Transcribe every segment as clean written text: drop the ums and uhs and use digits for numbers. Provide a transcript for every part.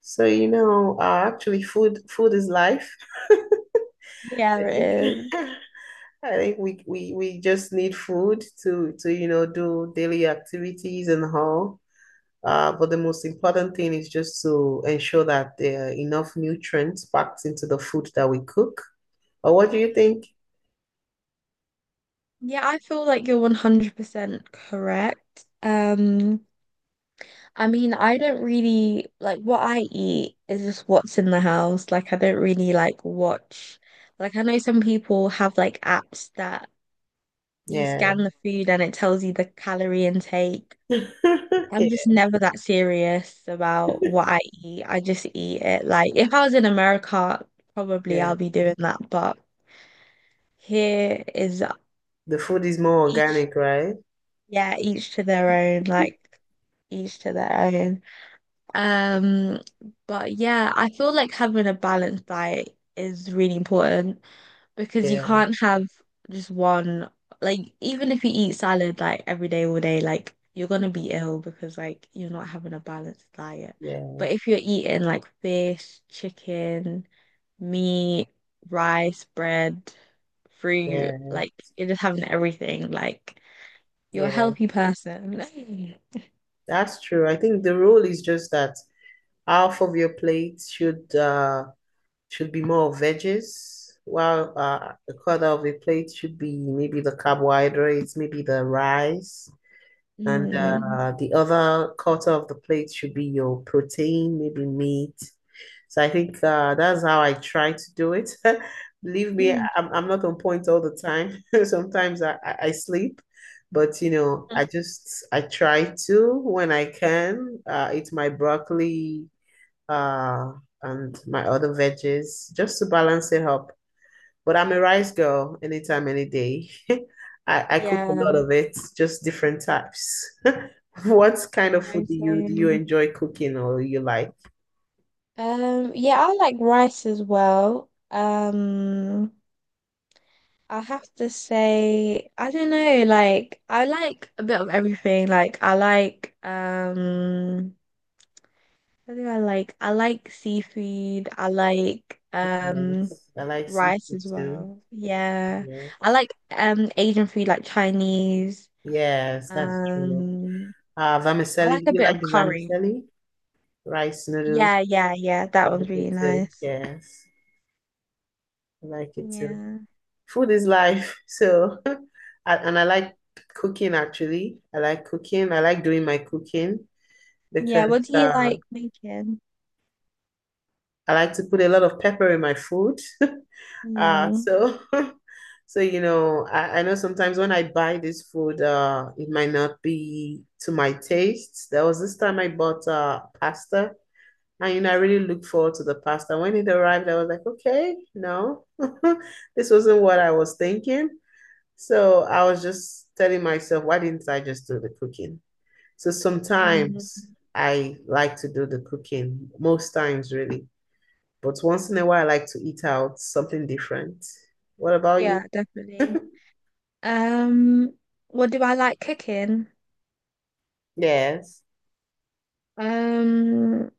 So, you know, actually food is life. Yeah, I it think is. I think we just need food to do daily activities and all. But the most important thing is just to ensure that there are enough nutrients packed into the food that we cook. Or what do you think? Yeah, I feel like you're 100% correct. I mean, I don't really like what I eat is just what's in the house. Like, I don't really like watch. Like, I know some people have like apps that you Yeah. scan the food and it tells you the calorie intake. I'm just Yeah, never that serious about what I eat. I just eat it. Like, if I was in America, probably yeah. I'll be doing that. But here is The food is more each. organic, right? Yeah, each to their own, like each to their own. Um, but yeah, I feel like having a balanced diet is really important because you Yeah, can't have just one, like even if you eat salad like every day, all day, like you're gonna be ill because like you're not having a balanced diet. yeah, But if you're eating like fish, chicken, meat, rice, bread, fruit, yeah, like you're just having everything, like you're a yeah. healthy person. That's true. I think the rule is just that half of your plate should should be more veggies, while a quarter of the plate should be maybe the carbohydrates, maybe the rice, and Mm. The other quarter of the plate should be your protein, maybe meat. So I think that's how I try to do it. Believe me, Mm. I'm not on point all the time. Sometimes I sleep, but you know, I try to when I can eat my broccoli uh, and my other veggies just to balance it up. But I'm a rice girl anytime, any day. I cook a lot Yeah. of it, just different types. What kind of So, food do you so, enjoy cooking or you like? Yeah, I like rice as well. I have to say, I don't know, like I like a bit of everything. Like I like what do I like? I like seafood. I like Yes, I like rice seafood as too. well. Yeah. I Yes. like Asian food like Chinese. Yes, that's true. Um I Vermicelli, like do a you bit of like the curry. vermicelli? Rice noodles, Yeah, yeah, yeah. I That one's like really it too. nice. Yes, I like it too. Yeah. Food is life. So, and I like cooking actually. I like cooking. I like doing my cooking Yeah, what because do you uh, like making? I like to put a lot of pepper in my food. Uh, Mm, so, so I know sometimes when I buy this food, it might not be to my taste. There was this time I bought pasta. And you know, I really looked forward to the pasta. When it arrived, I was like, okay, no, this wasn't what I was thinking. So I was just telling myself, why didn't I just do the cooking? So mm, sometimes I like to do the cooking, most times really. But once in a while, I like to eat out something different. What about yeah, you? definitely. Um, what do I like cooking? Yes. Um,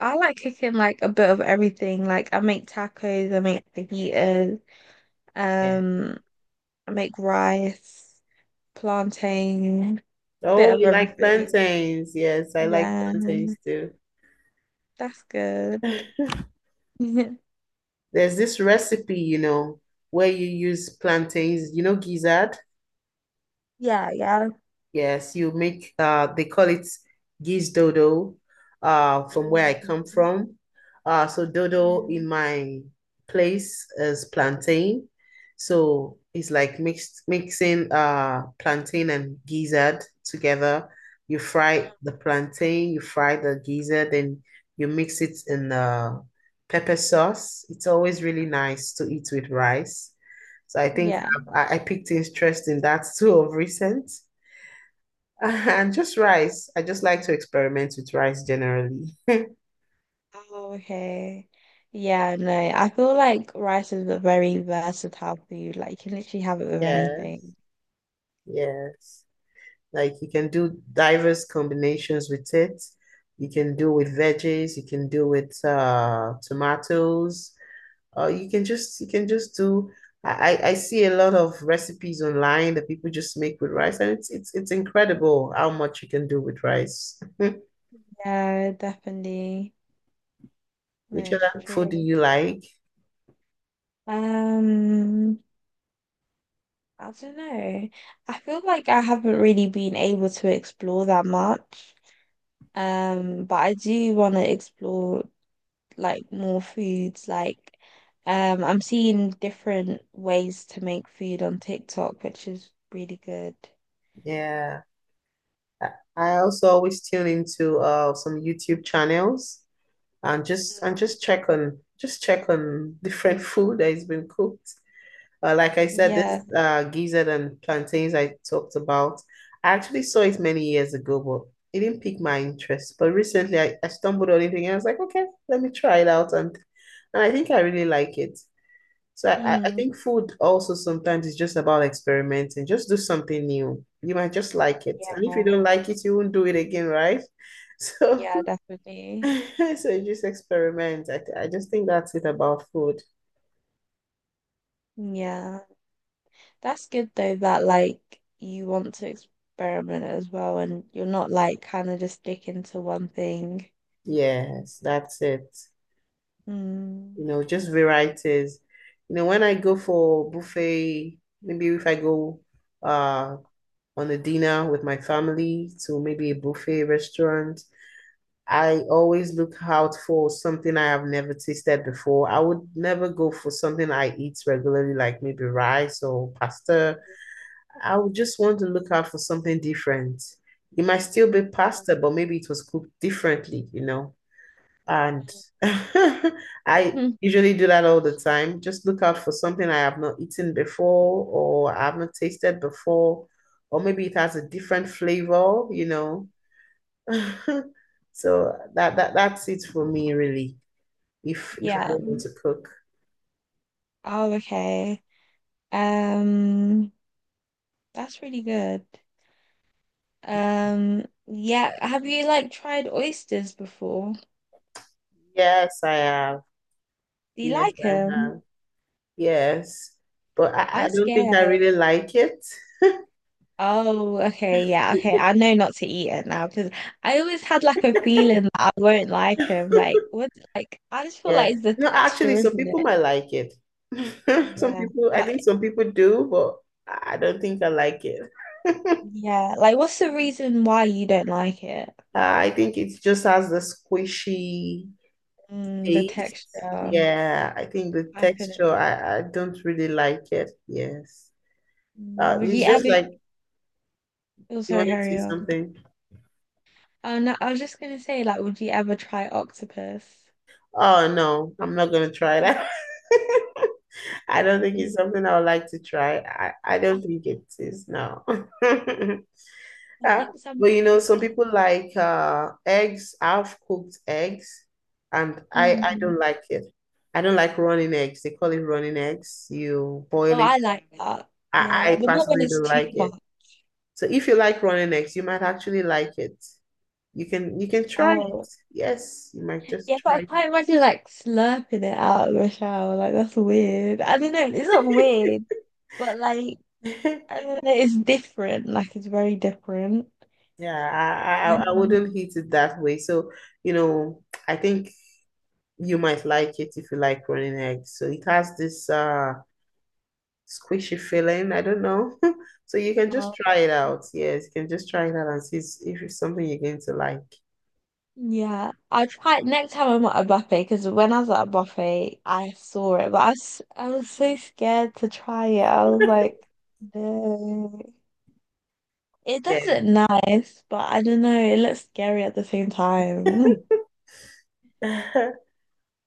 I like cooking like a bit of everything. Like I make tacos, I make fajitas, Yeah. um, I make rice, plantain, bit Oh, of you like everything. plantains? Yes, I like Yeah, plantains too. that's good. There's this recipe, you know, where you use plantains, you know, gizzard. Yeah, yeah. Yes, you make they call it geese dodo from where I come Mm. from. So dodo Yeah. in my place is plantain. So it's like mixed mixing plantain and gizzard together. You fry the plantain, you fry the gizzard, then you mix it in pepper sauce. It's always really nice to eat with rice. So I think Yeah. I picked interest in that too of recent. And just rice. I just like to experiment with rice generally. Oh, okay. Yeah, no, I feel like rice is a very versatile food. Like you can literally have it with Yes, anything. yes. Like you can do diverse combinations with it. You can do with veggies, you can do with tomatoes, or you can just do I see a lot of recipes online that people just make with rice and it's incredible how much you can do with rice. Yeah, definitely. No, Which it's other food true. do you like? Um, I don't know. I feel like I haven't really been able to explore that much. But I do want to explore like more foods. Like, I'm seeing different ways to make food on TikTok, which is really good. Yeah, I I also always tune into some YouTube channels and just check on different food that has been cooked. Like I said, Yeah. this gizzard and plantains I talked about, I actually saw it many years ago, but it didn't pique my interest. But recently, I stumbled on it and I was like, okay, let me try it out, and I think I really like it. So I Mm. think food also sometimes is just about experimenting. Just do something new. You might just like it, and if you don't Yeah. like it, you won't do it again, right? So, Yeah, definitely. so just experiment. I just think that's it about food. Yeah. That's good though that like you want to experiment as well and you're not like kind of just sticking to one thing. Yes, that's it. Mm. You know, just varieties. You know, when I go for buffet, maybe if I go uh on a dinner with my family to maybe a buffet restaurant, I always look out for something I have never tasted before. I would never go for something I eat regularly, like maybe rice or pasta. I would just want to look out for something different. It might still be Yeah. pasta, but maybe it was cooked differently, you know. And I Mm. usually do that all the time. Just look out for something I have not eaten before or I haven't tasted before, or maybe it has a different flavor, you know. So that's it for me really. If I Yeah. don't want to cook. Oh, okay. Um, that's really good. Yeah, have you like tried oysters before? Yes, I have. Do you Yes, like I them? have. Yes. But I I'm don't think I scared. really like it. Oh, okay, yeah, okay. I know not to eat it now because I always had like a feeling that I won't like him. Like, what? Like, I just feel Yeah. like it's the No, actually, texture, some isn't people it? might like it. Some Yeah, people, I but think some people do, but I don't think I like it. uh, yeah, like, what's the reason why you don't like it? I think it just has the squishy Mm, the taste. texture. Yeah, I think the I couldn't texture, do that. I don't really like it. Yes. Mm, would It's you just ever? like Oh, you sorry, want to see carry on. something. Oh no, I was just gonna say, like, would you ever try octopus? Oh, no, I'm not going to try that. I don't think it's Mm. something I would like to try. I I, don't think it is, no. I Yeah. think some But you people know, some say, people like eggs, half cooked eggs, and I mm, don't like it. I don't like running eggs. They call it running eggs. You boil oh, it. I like that. I, Yeah, I but not when personally it's don't too like it. much. So if you like running eggs, you might actually like it. You can try it. Oh, Yes, you might just yeah, but I try can't imagine like slurping it out of a shower. Like that's weird. I don't know. It's not it. weird, but like I don't know. It's different. Like it's very different. Yeah, I And wouldn't eat it that way. So, you know, I think you might like it if you like running eggs. So it has this squishy feeling. I don't know. So you can um, just try it out. Yes, you can just try it out and see if it's something you're going to like. yeah, I'll try it next time I'm at a buffet because when I was at a buffet, I saw it, but I was so scared to try it. I was like, no, it doesn't nice, but I don't know. It looks scary at the same time. Yeah.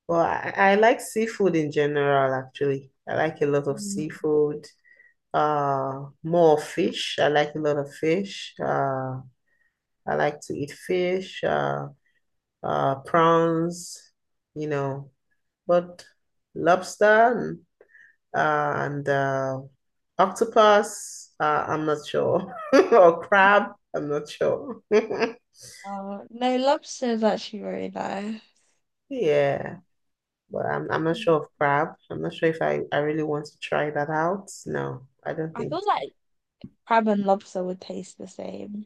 Well, I like seafood in general, actually. I like a lot of seafood. More fish. I like a lot of fish. I like to eat fish, prawns, you know, but lobster, uh, and octopus. I'm not sure, or crab. I'm not sure. Oh, no, lobster is actually really nice. Yeah, but I'm not Yeah. sure of crab. I'm not sure if I really want to try that out. No, I don't I think feel so. like crab and lobster would taste the same.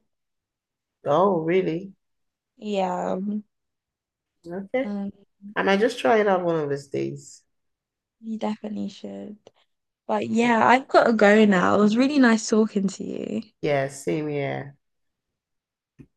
Oh, really? Yeah, Okay. um, I might just try it out one of these days. you definitely should. But yeah, I've got to go now. It was really nice talking to you. Yeah, same here.